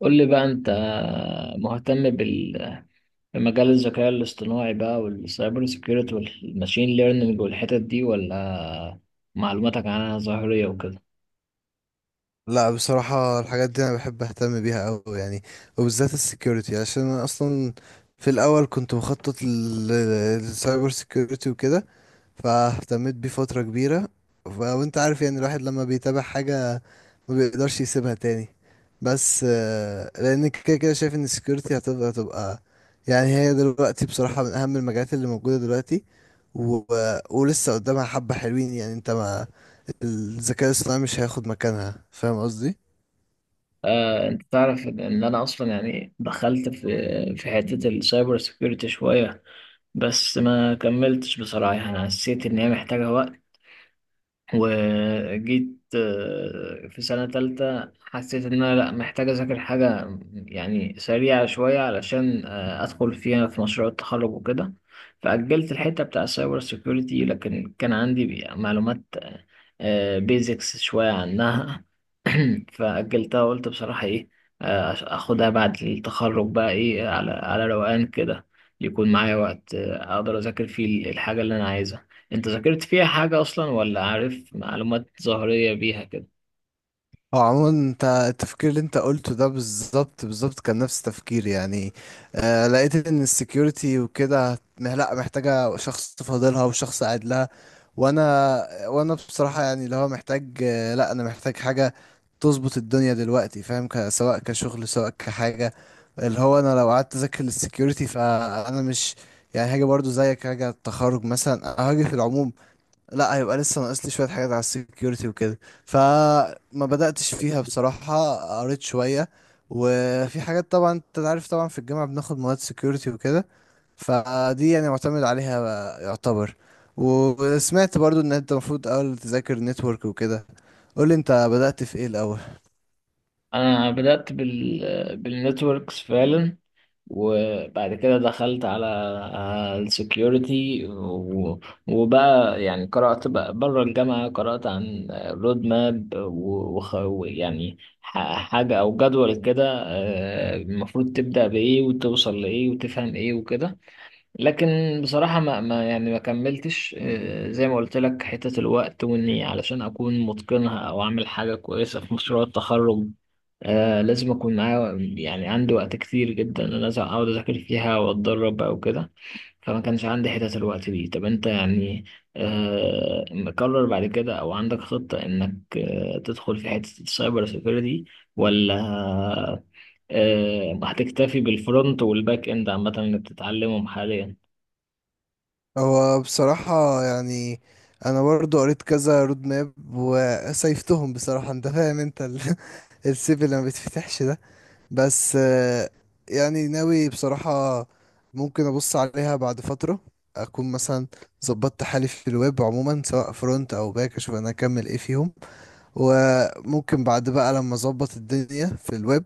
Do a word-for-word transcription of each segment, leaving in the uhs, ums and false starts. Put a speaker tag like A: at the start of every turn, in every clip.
A: قول لي بقى انت مهتم بال- بمجال الذكاء الاصطناعي بقى والسايبر سيكيورتي والماشين ليرنينج والحتت دي ولا معلوماتك عنها ظاهرية وكده؟
B: لا، بصراحة الحاجات دي أنا بحب أهتم بيها أوي يعني، وبالذات السكيورتي عشان أنا أصلا في الأول كنت مخطط للسايبر سكيورتي وكده، فاهتميت بيه فترة كبيرة. ف- وانت عارف يعني الواحد لما بيتابع حاجة ما بيقدرش يسيبها تاني. بس آه، لان كده كده شايف ان السكيورتي هتبقى تبقى يعني هي دلوقتي بصراحة من اهم المجالات اللي موجودة دلوقتي. و... ولسه قدامها حبة حلوين. يعني انت ما الذكاء الاصطناعي مش هياخد مكانها، فاهم قصدي؟
A: آه، انت تعرف ان إن انا اصلا يعني دخلت في في حتة السايبر سيكيورتي شوية، بس ما كملتش. بصراحة انا حسيت ان هي محتاجة وقت. وجيت آه، في سنة تالتة حسيت إن أنا، لأ، محتاج أذاكر حاجة يعني سريعة شوية علشان آه، أدخل فيها في مشروع التخرج وكده. فأجلت الحتة بتاع السايبر سيكيورتي، لكن كان عندي بي- معلومات بيزكس شوية عنها. فأجلتها وقلت بصراحة إيه، آه، أخدها بعد التخرج بقى، إيه، على على روقان كده، يكون معايا وقت آه، أقدر أذاكر فيه الحاجة اللي أنا عايزها. انت ذاكرت فيها حاجة اصلا ولا عارف معلومات ظاهرية بيها كده؟
B: هو عموما انت التفكير اللي انت قلته ده بالظبط بالظبط كان نفس تفكيري يعني. آه، لقيت ان السكيورتي وكده مه- لا، محتاجة شخص فاضلها وشخص قاعد لها. وانا وانا بصراحة يعني اللي هو محتاج، آه لا، انا محتاج حاجة تظبط الدنيا دلوقتي، فاهم؟ ك- سواء كشغل سواء كحاجة، اللي هو انا لو قعدت اذاكر للسكيورتي فانا مش يعني هاجي برضو زيك، هاجي على التخرج مثلا، هاجي في العموم لا، هيبقى لسه ناقص لي شويه حاجات على السكيورتي وكده. فما بداتش فيها بصراحه. قريت شويه، وفي حاجات طبعا انت عارف، طبعا في الجامعه بناخد مواد سكيورتي وكده، فدي يعني معتمد عليها يعتبر. وسمعت برضو ان انت المفروض اول تذاكر نتورك وكده. قولي انت بدأت في ايه الاول؟
A: انا بدأت بال بالنتوركس فعلا، وبعد كده دخلت على السكيورتي، وبقى يعني قرأت بقى بره الجامعة، قرأت عن رود ماب ويعني حاجة او جدول كده، آه، المفروض تبدأ بإيه وتوصل لإيه وتفهم إيه وكده. لكن بصراحة ما, ما يعني ما كملتش، آه، زي ما قلت لك، حتة الوقت، وإني علشان أكون متقنها أو أعمل حاجة كويسة في مشروع التخرج آه لازم أكون معايا يعني عندي وقت كتير جدا، إن أنا لازم أقعد أذاكر فيها وأتدرب أو كده. فما كانش عندي حتة الوقت دي. طب أنت يعني آه مقرر بعد كده أو عندك خطة إنك آه تدخل في حتة السايبر سيكيورتي، ولا آه هتكتفي بالفرونت والباك إند عامة اللي بتتعلمهم حاليا؟
B: هو بصراحة يعني أنا برضو قريت كذا رود ماب وسيفتهم، بصراحة أنت فاهم أنت ال- السيف اللي ما بيتفتحش ده. بس آه، يعني ناوي بصراحة ممكن أبص عليها بعد فترة، أكون مثلا ظبطت حالي في الويب عموما سواء فرونت أو باك، أشوف أنا أكمل إيه فيهم. وممكن بعد بقى لما أظبط الدنيا في الويب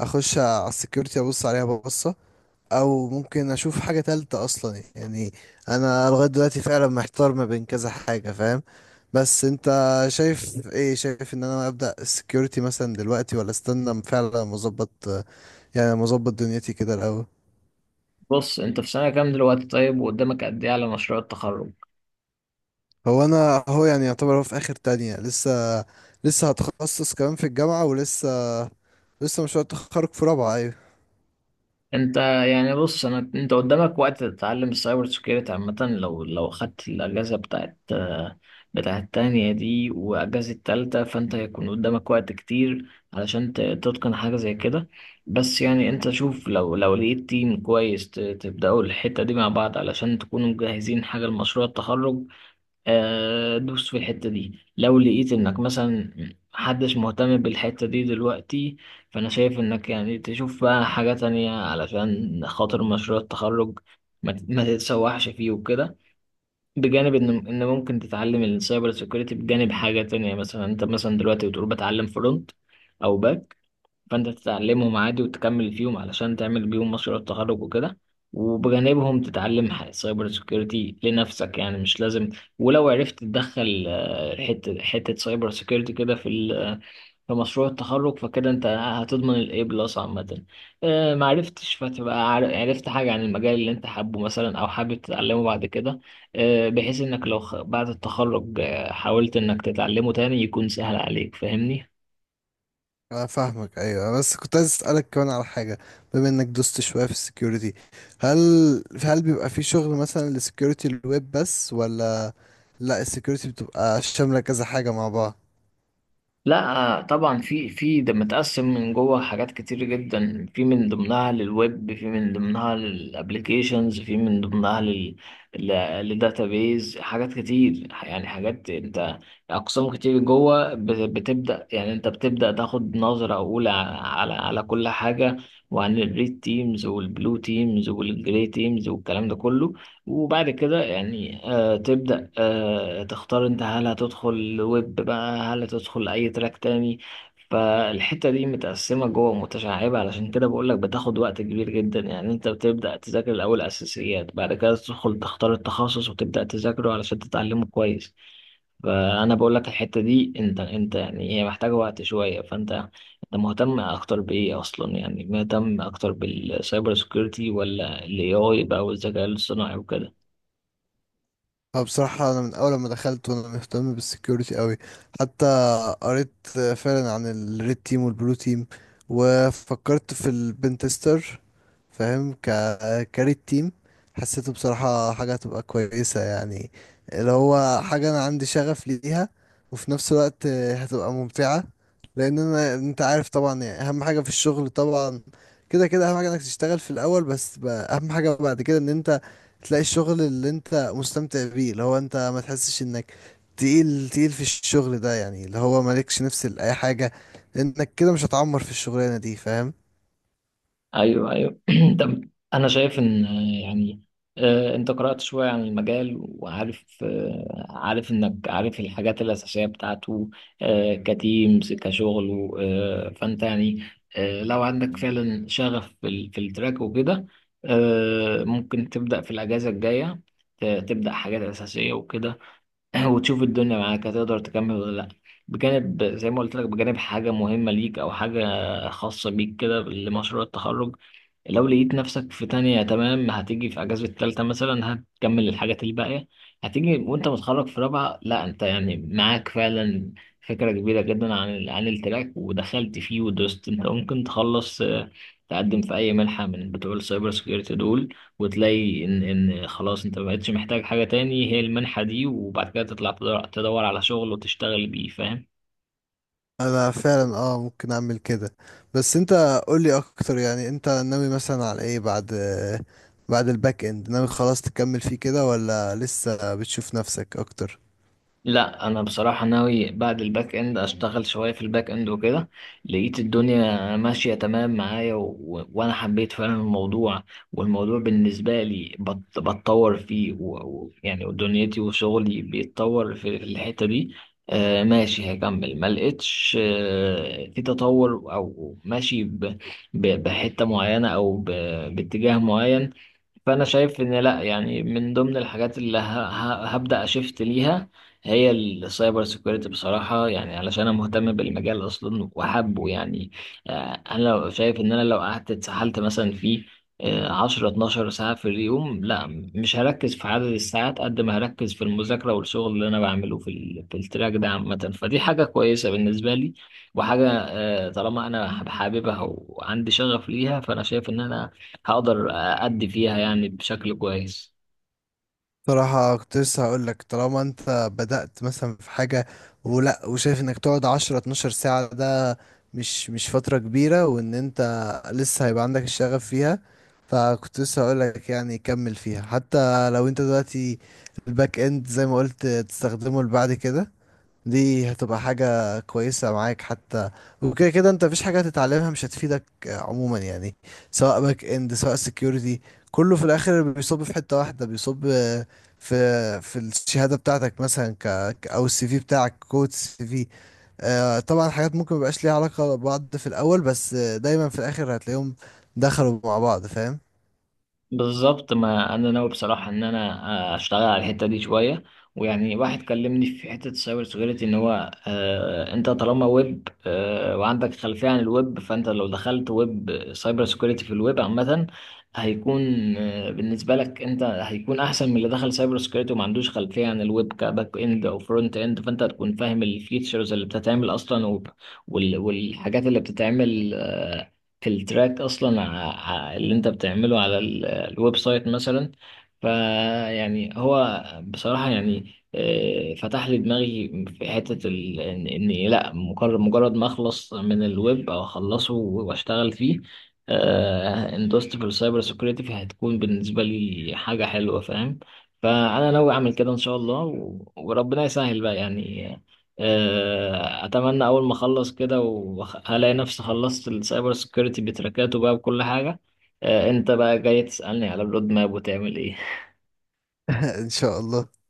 B: أخش على السكيورتي أبص عليها ببصة، أو ممكن أشوف حاجة تالتة أصلا يعني. أنا لغاية دلوقتي فعلا محتار ما بين كذا حاجة، فاهم؟ بس أنت شايف إيه؟ شايف إن أنا أبدأ السكيورتي مثلا دلوقتي ولا استنى فعلا ما أظبط، يعني مظبط دنيتي كده الاول؟
A: بص انت في سنة كام دلوقتي؟ طيب، وقدامك قد ايه على مشروع التخرج؟
B: هو انا، هو يعني يعتبر هو في اخر تانية لسه، لسه هتخصص كمان في الجامعة، ولسه لسه مشروع التخرج في رابعة، ايوه.
A: انت يعني، بص، انا انت قدامك وقت تتعلم السايبر سكيورتي عامة. لو لو خدت الاجازة بتاعت بتاعت التانية دي واجازة التالتة، فانت هيكون قدامك وقت كتير علشان ت- تتقن حاجة زي كده. بس يعني انت شوف، لو لو لقيت تيم كويس ت- تبدأوا الحتة دي مع بعض علشان تكونوا مجهزين حاجة لمشروع التخرج، آه، دوس في الحتة دي. لو لقيت انك مثلا محدش مهتم بالحتة دي دلوقتي، فانا شايف انك يعني تشوف بقى حاجة تانية علشان خاطر مشروع التخرج، ما تت- ما تتسوحش فيه وكده. بجانب ان ان ممكن تتعلم السايبر سيكوريتي بجانب حاجة تانية. مثلا انت مثلا دلوقتي بتقول بتعلم فرونت او باك، فانت تتعلمهم عادي وتكمل فيهم علشان تعمل بيهم مشروع التخرج وكده. وبجانبهم تتعلم ح- سايبر سيكيورتي لنفسك، يعني مش لازم. ولو عرفت تدخل آه، حتة حتة سايبر سيكيورتي كده في ال- في مشروع التخرج، فكده انت هتضمن الاي بلس عامة. آه، ما عرفتش، فتبقى عر- عرفت حاجة عن المجال اللي انت حابه مثلا او حابب تتعلمه بعد كده، آه، بحيث انك لو خ- بعد التخرج آه، حاولت انك تتعلمه تاني يكون سهل عليك، فاهمني؟
B: انا فاهمك، ايوه، بس كنت عايز اسالك كمان على حاجة. بما انك دوست شوية في السكيورتي، هل هل بيبقى في شغل مثلا لسكيورتي الويب بس، ولا لا السكيورتي بتبقى شاملة كذا حاجة مع بعض؟
A: لا طبعا، في في ده متقسم من جوه حاجات كتير جدا. في من ضمنها للويب، في من ضمنها للابليكيشنز، في من ضمنها لل للداتابيز، حاجات كتير يعني، حاجات انت، اقسام كتير جوه. ب- بتبدا يعني انت بتبدا تاخد نظره اولى على على كل حاجه، وعن الريد تيمز والبلو تيمز والجري تيمز والكلام ده كله. وبعد كده يعني آه تبدأ آه تختار، انت هل هتدخل ويب بقى، هل هتدخل اي تراك تاني؟ فالحتة دي متقسمة جوه متشعبة، علشان كده بقولك بتاخد وقت كبير جدا. يعني انت بتبدأ تذاكر الأول أساسيات، بعد كده تدخل تختار التخصص وتبدأ تذاكره علشان تتعلمه كويس. فأنا بقولك الحتة دي، انت انت يعني هي محتاجة وقت شوية. فانت، انت مهتم اكتر بايه اصلا، يعني مهتم اكتر بالسايبر سكيورتي ولا الاي اي بقى والذكاء الاصطناعي وكده؟
B: أه، بصراحة أنا من أول ما دخلت وأنا مهتم بالسكيورتي أوي. حتى قريت فعلا عن الريد تيم والبلو تيم، وفكرت في البنتستر، فاهم ك كاري التيم. حسيته بصراحة حاجة هتبقى كويسة يعني، اللي هو حاجة أنا عندي شغف ليها، وفي نفس الوقت هتبقى ممتعة. لأن أنا أنت عارف طبعا يعني أهم حاجة في الشغل طبعا، كده كده أهم حاجة إنك تشتغل في الأول، بس ب- أهم حاجة بعد كده إن أنت تلاقي الشغل اللي أنت مستمتع بيه، اللي هو أنت ما تحسش إنك تقيل تقيل في الشغل ده، يعني اللي هو مالكش نفس لأي حاجة، لأنك كده مش هتعمر في الشغلانة دي، فاهم؟
A: ايوه، ايوه. طب، انا شايف ان، آه، يعني، آه، انت قرأت شوية عن المجال وعارف، آه، عارف انك عارف الحاجات الأساسية بتاعته، آه، كتيمز كشغل. آه، فانت يعني، آه، لو عندك فعلا شغف في ال- في التراك وكده، آه، ممكن تبدأ في الأجازة الجاية، ت- تبدأ حاجات أساسية وكده. وتشوف الدنيا معاك هتقدر تكمل ولا لأ. بجانب زي ما قلت لك، بجانب حاجة مهمة ليك أو حاجة خاصة بيك كده لمشروع التخرج. لو لقيت نفسك في تانية تمام، هتيجي في أجازة التالتة مثلا هتكمل الحاجات الباقية. هتيجي وأنت متخرج في رابعة، لأ أنت يعني معاك فعلا فكرة كبيرة جدا عن ال- عن التراك ودخلت فيه ودوست، أنت ممكن تخلص، آه، تقدم في أي منحة من بتوع السايبر سكيورتي دول، وتلاقي ان ان خلاص انت مبقتش محتاج حاجة تاني، هي المنحة دي. وبعد كده تطلع تدور, تدور, على شغل وتشتغل بيه، فاهم؟
B: انا فعلا اه ممكن اعمل كده. بس انت قولي اكتر، يعني انت ناوي مثلا على ايه بعد بعد الباك اند؟ ناوي خلاص تكمل فيه كده، ولا لسه بتشوف نفسك اكتر؟
A: لا، انا بصراحه ناوي بعد الباك اند اشتغل شويه في الباك اند وكده. لقيت الدنيا ماشيه تمام معايا، و... و... وانا حبيت فعلا الموضوع، والموضوع بالنسبه لي بت... بتطور فيه، و... و... يعني دنيتي وشغلي بيتطور في الحته دي. آه ماشي، هكمل. ما لقيتش آه في تطور او ماشي ب... ب... بحته معينه او ب... باتجاه معين، فانا شايف ان لا، يعني من ضمن الحاجات اللي ه- ه- هبدا اشفت ليها هي السايبر سيكوريتي بصراحه. يعني علشان انا مهتم بالمجال اصلا وحابه، يعني آه، انا لو شايف ان انا لو قعدت اتسحلت مثلا في عشرة اتناشر ساعة في اليوم، لا، مش هركز في عدد الساعات قد ما هركز في المذاكرة والشغل اللي أنا بعمله في, ال... في التراك ده عامة. فدي حاجة كويسة بالنسبة لي، وحاجة آه، طالما أنا حاببها وعندي شغف ليها، فأنا شايف إن أنا هقدر أدي فيها يعني بشكل كويس.
B: صراحة كنت لسه هقول لك طالما انت بدأت مثلا في حاجة ولا وشايف انك تقعد عشرة اتناشر ساعة، ده مش مش فترة كبيرة، وان انت لسه هيبقى عندك الشغف فيها. فكنت لسه هقول لك يعني كمل فيها، حتى لو انت دلوقتي الباك اند زي ما قلت تستخدمه لبعد كده، دي هتبقى حاجة كويسة معاك حتى. وكده كده انت مفيش حاجة هتتعلمها مش هتفيدك آه، عموما يعني، سواء باك اند سواء سكيورتي، كله في الاخر بيصب في حتة واحدة، بيصب آه، في في الشهادة بتاعتك مثلا، ك ك- او السي في بتاعك، كود السي في. آه، طبعا حاجات ممكن مبقاش ليها علاقة ببعض في الاول، بس آه، دايما في الاخر هتلاقيهم دخلوا مع بعض، فاهم؟
A: بالظبط، ما انا ناوي بصراحه ان انا اشتغل على الحته دي شويه. ويعني واحد كلمني في حته السايبر سيكيورتي، ان هو آه انت طالما ويب آه وعندك خلفيه عن الويب، فانت لو دخلت ويب سايبر سيكيورتي في الويب عامه، هيكون آه بالنسبه لك، انت هيكون احسن من اللي دخل سايبر سيكيورتي وما عندوش خلفيه عن الويب كباك اند او فرونت اند. فانت هتكون فاهم الفيتشرز اللي بتتعمل اصلا، وب- وال- والحاجات اللي بتتعمل آه، في التراك اصلا، ع- ع- اللي انت بتعمله على الويب سايت مثلا. فيعني هو بصراحة يعني آه، فتح لي دماغي في حتة ال... إن- إني لأ، مجرد مجرد ما أخلص من الويب أو أخلصه وأشتغل فيه، آه، اندوست في السايبر سيكيورتي، فهتكون بالنسبة لي حاجة حلوة، فاهم؟ فأنا ناوي أعمل كده إن شاء الله، و... وربنا يسهل بقى يعني. آه، أتمنى أول ما أخلص كده وألاقي نفسي خلصت السايبر سيكيورتي بتركاته بقى بكل حاجة. آه، انت بقى جاي تسألني على الرود ماب وتعمل ايه؟
B: ان شاء الله.